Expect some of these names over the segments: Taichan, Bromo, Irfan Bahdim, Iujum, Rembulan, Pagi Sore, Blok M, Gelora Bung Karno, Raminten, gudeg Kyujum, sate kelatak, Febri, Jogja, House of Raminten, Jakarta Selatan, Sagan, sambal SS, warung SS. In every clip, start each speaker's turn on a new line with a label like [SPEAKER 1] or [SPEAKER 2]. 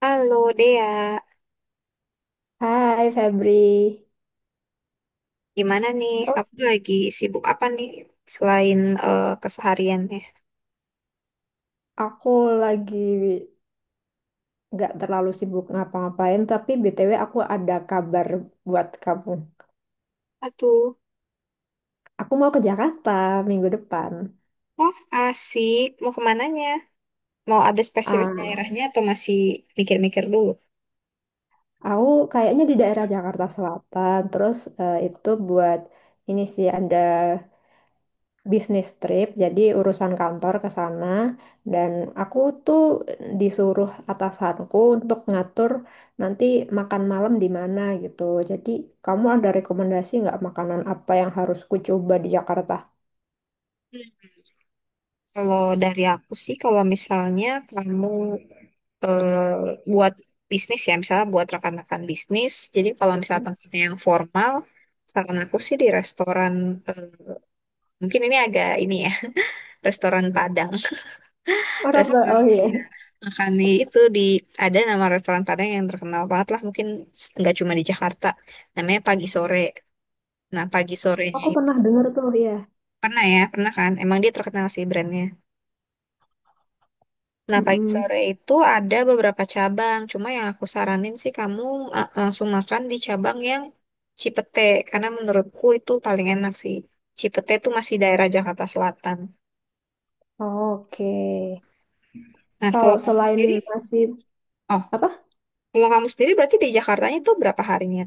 [SPEAKER 1] Halo Dea,
[SPEAKER 2] Hai Febri.
[SPEAKER 1] gimana nih?
[SPEAKER 2] Oh,
[SPEAKER 1] Kamu lagi sibuk apa nih selain kesehariannya?
[SPEAKER 2] aku lagi gak terlalu sibuk ngapa-ngapain, tapi BTW aku ada kabar buat kamu.
[SPEAKER 1] Aduh,
[SPEAKER 2] Aku mau ke Jakarta minggu depan.
[SPEAKER 1] wah asik. Mau kemananya? Mau ada spesifik
[SPEAKER 2] Ah,
[SPEAKER 1] daerahnya atau masih mikir-mikir dulu?
[SPEAKER 2] aku kayaknya di daerah Jakarta Selatan, terus itu buat ini sih ada bisnis trip, jadi urusan kantor ke sana dan aku tuh disuruh atasanku untuk ngatur nanti makan malam di mana gitu. Jadi kamu ada rekomendasi nggak makanan apa yang harus ku coba di Jakarta?
[SPEAKER 1] Kalau dari aku sih, kalau misalnya kamu buat bisnis ya, misalnya buat rekan-rekan bisnis, jadi kalau misalnya tempatnya yang formal, saran aku sih di restoran, eh, mungkin ini agak ini ya, restoran Padang,
[SPEAKER 2] Oh, Ras- Ba-
[SPEAKER 1] restoran
[SPEAKER 2] oh
[SPEAKER 1] di
[SPEAKER 2] iya,
[SPEAKER 1] Makannya itu di ada nama restoran Padang yang terkenal banget lah mungkin nggak cuma di Jakarta. Namanya Pagi Sore. Nah Pagi Sorenya
[SPEAKER 2] aku
[SPEAKER 1] itu
[SPEAKER 2] pernah dengar tuh ya.
[SPEAKER 1] pernah ya pernah kan? Emang dia terkenal sih brandnya. Nah Pagi
[SPEAKER 2] Mm-mm.
[SPEAKER 1] Sore itu ada beberapa cabang. Cuma yang aku saranin sih kamu langsung makan di cabang yang Cipete karena menurutku itu paling enak sih. Cipete itu masih daerah Jakarta Selatan.
[SPEAKER 2] Oke,
[SPEAKER 1] Nah
[SPEAKER 2] kalau
[SPEAKER 1] kalau kamu
[SPEAKER 2] selain
[SPEAKER 1] sendiri,
[SPEAKER 2] nasi
[SPEAKER 1] oh
[SPEAKER 2] apa?
[SPEAKER 1] kalau kamu sendiri berarti di Jakartanya itu berapa harinya?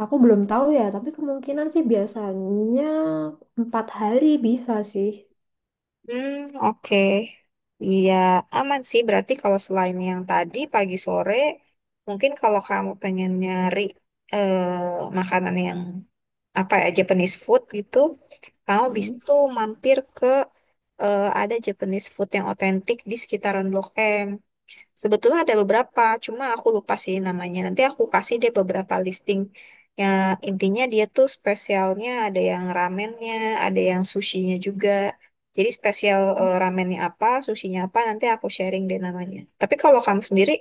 [SPEAKER 2] Aku belum tahu ya, tapi kemungkinan sih biasanya empat hari bisa sih.
[SPEAKER 1] Hmm, oke. Iya, aman sih. Berarti kalau selain yang tadi pagi sore, mungkin kalau kamu pengen nyari makanan yang apa ya Japanese food gitu, kamu bisa tuh mampir ke ada Japanese food yang otentik di sekitaran Blok M. Sebetulnya ada beberapa, cuma aku lupa sih namanya. Nanti aku kasih dia beberapa listing. Ya, intinya dia tuh spesialnya ada yang ramennya, ada yang sushinya juga. Jadi spesial ramennya apa, sushinya apa, nanti aku sharing deh namanya. Tapi kalau kamu sendiri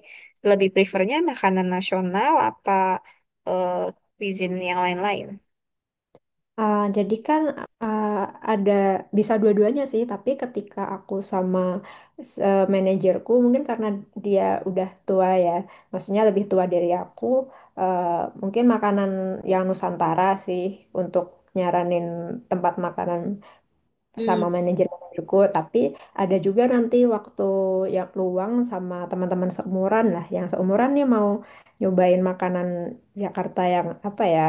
[SPEAKER 1] lebih prefernya makanan nasional apa eh, cuisine yang lain-lain?
[SPEAKER 2] Jadi kan ah, ada bisa dua-duanya sih, tapi ketika aku sama manajerku mungkin karena dia udah tua ya, maksudnya lebih tua dari aku, eh, mungkin makanan yang Nusantara sih untuk nyaranin tempat makanan sama manajer-manajerku, tapi ada juga nanti waktu yang luang sama teman-teman seumuran lah, yang seumuran nih mau nyobain makanan Jakarta yang apa ya,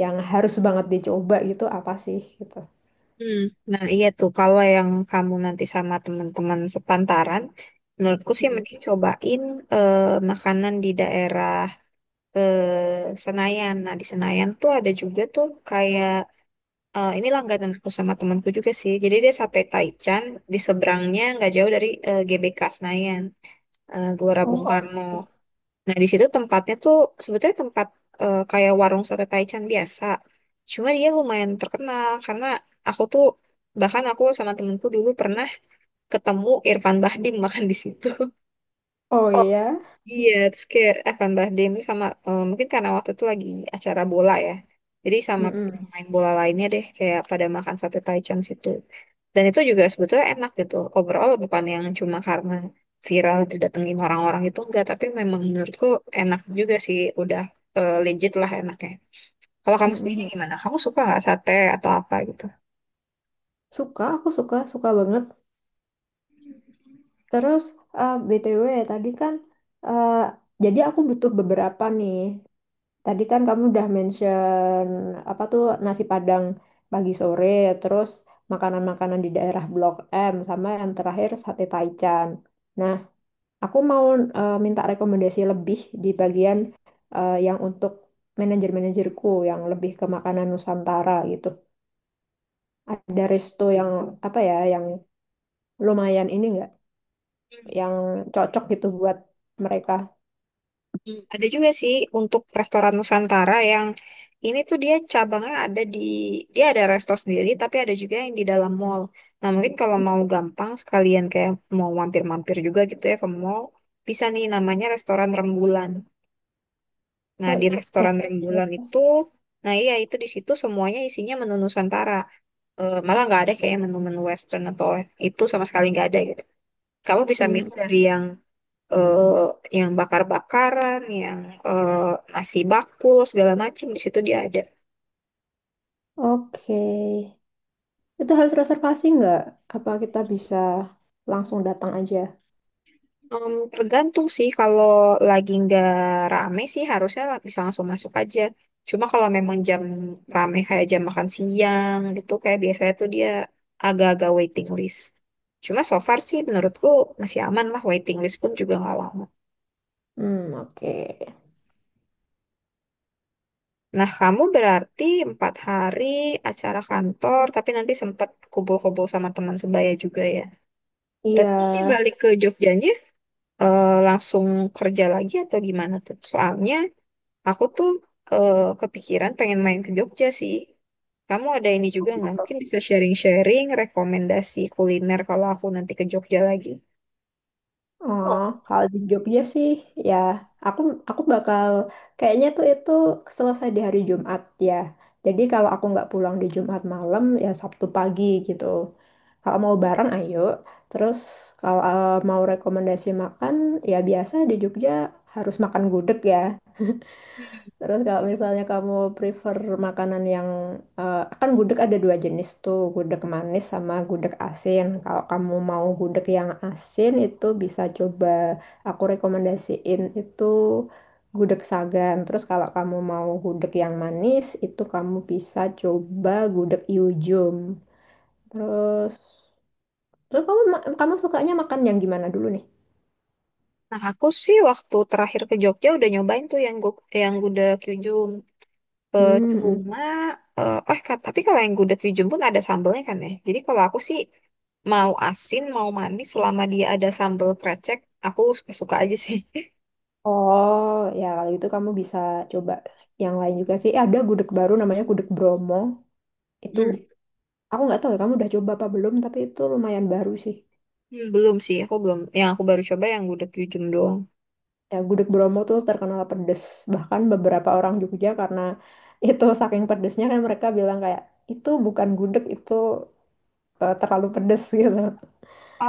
[SPEAKER 2] yang harus banget dicoba gitu apa sih gitu.
[SPEAKER 1] Hmm, nah, iya tuh. Kalau yang kamu nanti sama teman-teman sepantaran, menurutku sih
[SPEAKER 2] Mm-mm.
[SPEAKER 1] mending cobain eh, makanan di daerah Senayan. Nah, di Senayan tuh ada juga tuh kayak ini langganan aku sama temanku juga sih. Jadi dia sate Taichan di seberangnya nggak jauh dari GBK Senayan, Gelora Bung
[SPEAKER 2] Oh,
[SPEAKER 1] Karno.
[SPEAKER 2] oke.
[SPEAKER 1] Nah, di situ tempatnya tuh sebetulnya tempat kayak warung sate Taichan biasa. Cuma dia lumayan terkenal karena aku tuh bahkan aku sama temenku dulu pernah ketemu Irfan Bahdim makan di situ.
[SPEAKER 2] Oh
[SPEAKER 1] Oh,
[SPEAKER 2] iya.
[SPEAKER 1] iya, terus kayak Irfan Bahdim tuh sama mungkin karena waktu itu lagi acara bola ya. Jadi sama
[SPEAKER 2] Mm-mm.
[SPEAKER 1] pemain bola lainnya deh kayak pada makan sate Taichan situ. Dan itu juga sebetulnya enak gitu. Overall bukan yang cuma karena viral didatengin orang-orang itu enggak, tapi memang menurutku enak juga sih, udah legit lah enaknya. Kalau kamu sendiri
[SPEAKER 2] Mm-mm.
[SPEAKER 1] gimana? Kamu suka nggak sate atau apa gitu?
[SPEAKER 2] Suka, aku suka, suka banget. Terus BTW tadi kan eh, jadi aku butuh beberapa nih. Tadi kan kamu udah mention apa tuh nasi Padang pagi sore, terus makanan-makanan di daerah Blok M sama yang terakhir sate Taichan. Nah, aku mau minta rekomendasi lebih di bagian yang untuk manajer-manajerku yang lebih ke makanan Nusantara gitu. Ada resto yang apa ya yang lumayan ini nggak,
[SPEAKER 1] Hmm,
[SPEAKER 2] yang cocok gitu buat mereka.
[SPEAKER 1] hmm. Ada juga sih untuk restoran Nusantara yang ini tuh dia cabangnya ada di dia ada resto sendiri tapi ada juga yang di dalam mall. Nah mungkin kalau mau gampang sekalian kayak mau mampir-mampir juga gitu ya ke mall bisa nih namanya restoran Rembulan. Nah, di
[SPEAKER 2] Eh, oh,
[SPEAKER 1] restoran
[SPEAKER 2] oke.
[SPEAKER 1] rembulan itu, nah iya itu di situ semuanya isinya menu Nusantara. Eh, malah nggak ada kayak menu-menu Western atau itu sama sekali nggak ada gitu. Kamu bisa
[SPEAKER 2] Hmm,
[SPEAKER 1] milih dari yang eh, yang bakar-bakaran, yang eh, nasi bakul segala macam di situ dia ada.
[SPEAKER 2] oke. Itu harus reservasi nggak? Apa kita bisa langsung datang aja?
[SPEAKER 1] Tergantung sih kalau lagi nggak rame sih harusnya bisa langsung masuk aja. Cuma kalau memang jam rame kayak jam makan siang gitu kayak biasanya tuh dia agak-agak waiting list. Cuma so far sih menurutku masih aman lah waiting list pun juga nggak lama.
[SPEAKER 2] Hmm, oke.
[SPEAKER 1] Nah kamu berarti 4 hari acara kantor tapi nanti sempat kumpul-kumpul sama teman sebaya juga ya.
[SPEAKER 2] Iya.
[SPEAKER 1] Berarti nanti balik ke Jogjanya langsung kerja lagi atau gimana tuh? Soalnya aku tuh eh, kepikiran pengen main ke Jogja sih. Kamu ada ini juga nggak? Mungkin bisa sharing-sharing rekomendasi kuliner kalau aku nanti ke Jogja lagi.
[SPEAKER 2] Oh,
[SPEAKER 1] Oh.
[SPEAKER 2] kalau di Jogja sih, ya aku aku bakal kayaknya tuh itu selesai di hari Jumat ya. Jadi kalau aku nggak pulang di Jumat malam, ya Sabtu pagi gitu. Kalau mau bareng, ayo. Terus kalau mau rekomendasi makan, ya biasa di Jogja harus makan gudeg ya. Terus kalau misalnya kamu prefer makanan yang kan gudeg ada dua jenis tuh, gudeg manis sama gudeg asin. Kalau kamu mau gudeg yang asin itu bisa coba, aku rekomendasiin itu gudeg Sagan. Terus kalau kamu mau gudeg yang manis itu kamu bisa coba gudeg Iujum. Terus terus kamu kamu sukanya makan yang gimana dulu nih?
[SPEAKER 1] Nah, aku sih waktu terakhir ke Jogja udah nyobain tuh yang yang gudeg Kyujum.
[SPEAKER 2] Hmm.
[SPEAKER 1] Cuma, tapi kalau yang gudeg Kyujum pun ada sambelnya kan ya. Jadi kalau aku sih mau asin, mau manis, selama dia ada sambel krecek, aku suka-suka aja sih.
[SPEAKER 2] Oh, ya kalau gitu kamu bisa coba yang lain juga sih. Eh, ada gudeg baru namanya gudeg Bromo. Itu
[SPEAKER 1] Hmm.
[SPEAKER 2] aku nggak tahu ya kamu udah coba apa belum, tapi itu lumayan baru sih.
[SPEAKER 1] Hmm, belum sih, aku belum. Yang aku baru coba yang gudeg Kyujum doang.
[SPEAKER 2] Ya gudeg Bromo tuh terkenal pedes. Bahkan beberapa orang Jogja karena itu saking pedesnya kan mereka bilang kayak itu bukan gudeg, itu terlalu pedes gitu.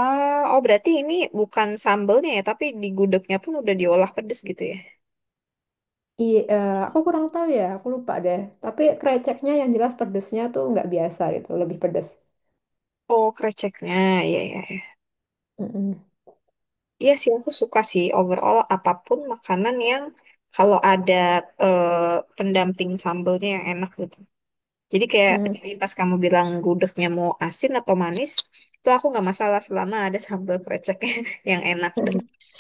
[SPEAKER 1] Ah, oh berarti ini bukan sambelnya ya, tapi di gudegnya pun udah diolah pedes gitu ya.
[SPEAKER 2] Iya, aku kurang tahu ya, aku lupa deh. Tapi kreceknya yang jelas pedesnya tuh nggak biasa gitu, lebih pedes.
[SPEAKER 1] Oh, kreceknya, ya ya ya.
[SPEAKER 2] Mm-mm.
[SPEAKER 1] Iya sih aku suka sih overall apapun makanan yang kalau ada pendamping sambelnya yang enak gitu. Jadi kayak
[SPEAKER 2] Mm.
[SPEAKER 1] tadi pas kamu bilang gudegnya mau asin atau manis, itu aku nggak masalah selama ada sambel kreceknya yang enak dan manis.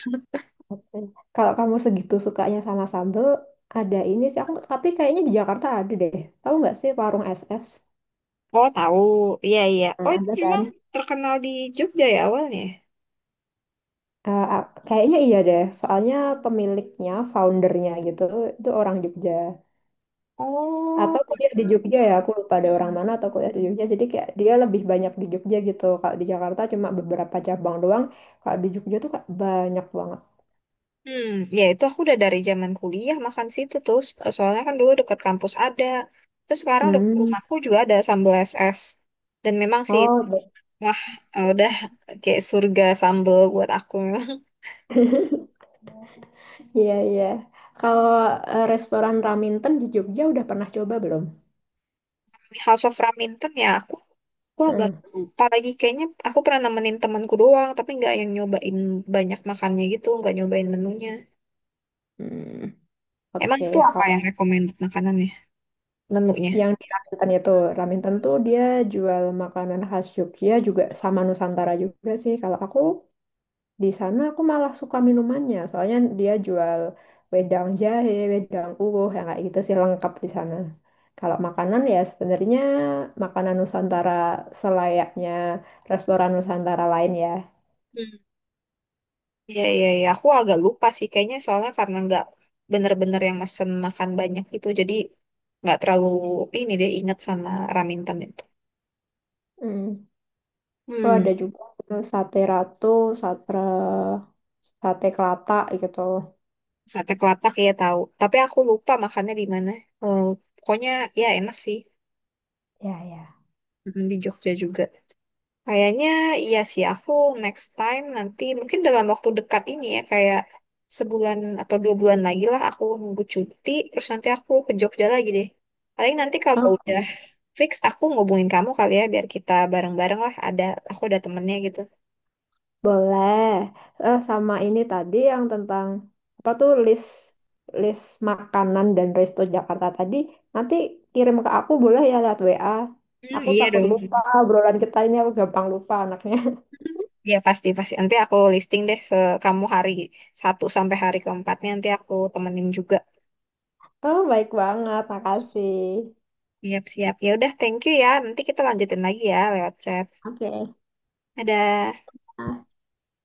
[SPEAKER 2] Oke. Kalau kamu segitu sukanya sama sambel, ada ini sih aku tapi kayaknya di Jakarta ada deh. Tahu nggak sih warung SS?
[SPEAKER 1] Oh, tahu. Iya iya.
[SPEAKER 2] Nah,
[SPEAKER 1] Oh, itu
[SPEAKER 2] ada kan?
[SPEAKER 1] memang terkenal di Jogja ya awalnya.
[SPEAKER 2] Kayaknya iya deh. Soalnya pemiliknya, foundernya gitu, itu orang Jogja.
[SPEAKER 1] Oh,
[SPEAKER 2] Atau kuliah di
[SPEAKER 1] betul.
[SPEAKER 2] Jogja ya, aku lupa ada orang mana atau kuliah di Jogja. Jadi kayak dia lebih banyak di Jogja gitu. Kalau di Jakarta cuma beberapa cabang doang. Kalau di Jogja tuh kayak banyak banget.
[SPEAKER 1] Hmm, ya itu aku udah dari zaman kuliah makan situ tuh. Soalnya kan dulu deket kampus ada. Terus sekarang deket
[SPEAKER 2] Hmm.
[SPEAKER 1] rumahku juga ada sambal SS. Dan memang sih itu,
[SPEAKER 2] Oh.
[SPEAKER 1] wah udah kayak surga sambal buat aku. Memang
[SPEAKER 2] Iya, iya. Kalau restoran Raminten di Jogja udah pernah coba belum?
[SPEAKER 1] House of Raminten ya aku agak
[SPEAKER 2] Hmm.
[SPEAKER 1] lupa lagi. Kayaknya aku pernah nemenin temanku doang, tapi nggak yang nyobain banyak makannya gitu, nggak nyobain menunya.
[SPEAKER 2] Hmm.
[SPEAKER 1] Emang itu
[SPEAKER 2] Oke.
[SPEAKER 1] apa yang
[SPEAKER 2] Kalau
[SPEAKER 1] recommended makanannya, menunya?
[SPEAKER 2] yang di Raminten itu, Raminten tuh dia jual makanan khas Jogja juga sama Nusantara juga sih. Kalau aku di sana aku malah suka minumannya, soalnya dia jual wedang jahe, wedang uwuh, yang kayak gitu sih lengkap di sana. Kalau makanan ya sebenarnya makanan Nusantara selayaknya restoran Nusantara lain ya.
[SPEAKER 1] Iya, iya, iya. Aku agak lupa sih kayaknya soalnya karena nggak bener-bener yang mesen makan banyak itu. Jadi nggak terlalu ini deh ingat sama Raminten itu.
[SPEAKER 2] Hmm. Oh,
[SPEAKER 1] Hmm,
[SPEAKER 2] ada juga tuh sate ratu, sate sate kelata gitu.
[SPEAKER 1] sate kelatak ya tahu. Tapi aku lupa makannya di mana. Eh, pokoknya ya enak sih.
[SPEAKER 2] Ya, ya.
[SPEAKER 1] Mm, di Jogja juga. Kayaknya iya sih aku next time nanti mungkin dalam waktu dekat ini ya kayak sebulan atau 2 bulan lagi lah aku nunggu cuti terus nanti aku ke Jogja lagi deh. Paling nanti kalau
[SPEAKER 2] Oh,
[SPEAKER 1] udah
[SPEAKER 2] boleh.
[SPEAKER 1] fix aku ngubungin kamu kali ya biar kita bareng-bareng lah ada aku ada temennya gitu.
[SPEAKER 2] Boleh. Eh, sama ini tadi yang tentang apa tuh list list makanan dan resto Jakarta tadi. Nanti kirim ke aku boleh ya lewat WA.
[SPEAKER 1] Hmm,
[SPEAKER 2] Aku
[SPEAKER 1] iya
[SPEAKER 2] takut
[SPEAKER 1] dong.
[SPEAKER 2] lupa obrolan kita ini aku gampang lupa anaknya.
[SPEAKER 1] Iya pasti pasti nanti aku listing deh ke kamu hari 1 sampai hari ke-4nya nanti aku temenin juga.
[SPEAKER 2] Oh, baik banget. Makasih.
[SPEAKER 1] Siap siap. Ya udah thank you ya. Nanti kita lanjutin lagi ya lewat chat.
[SPEAKER 2] Oke.
[SPEAKER 1] Dadah.
[SPEAKER 2] Ah.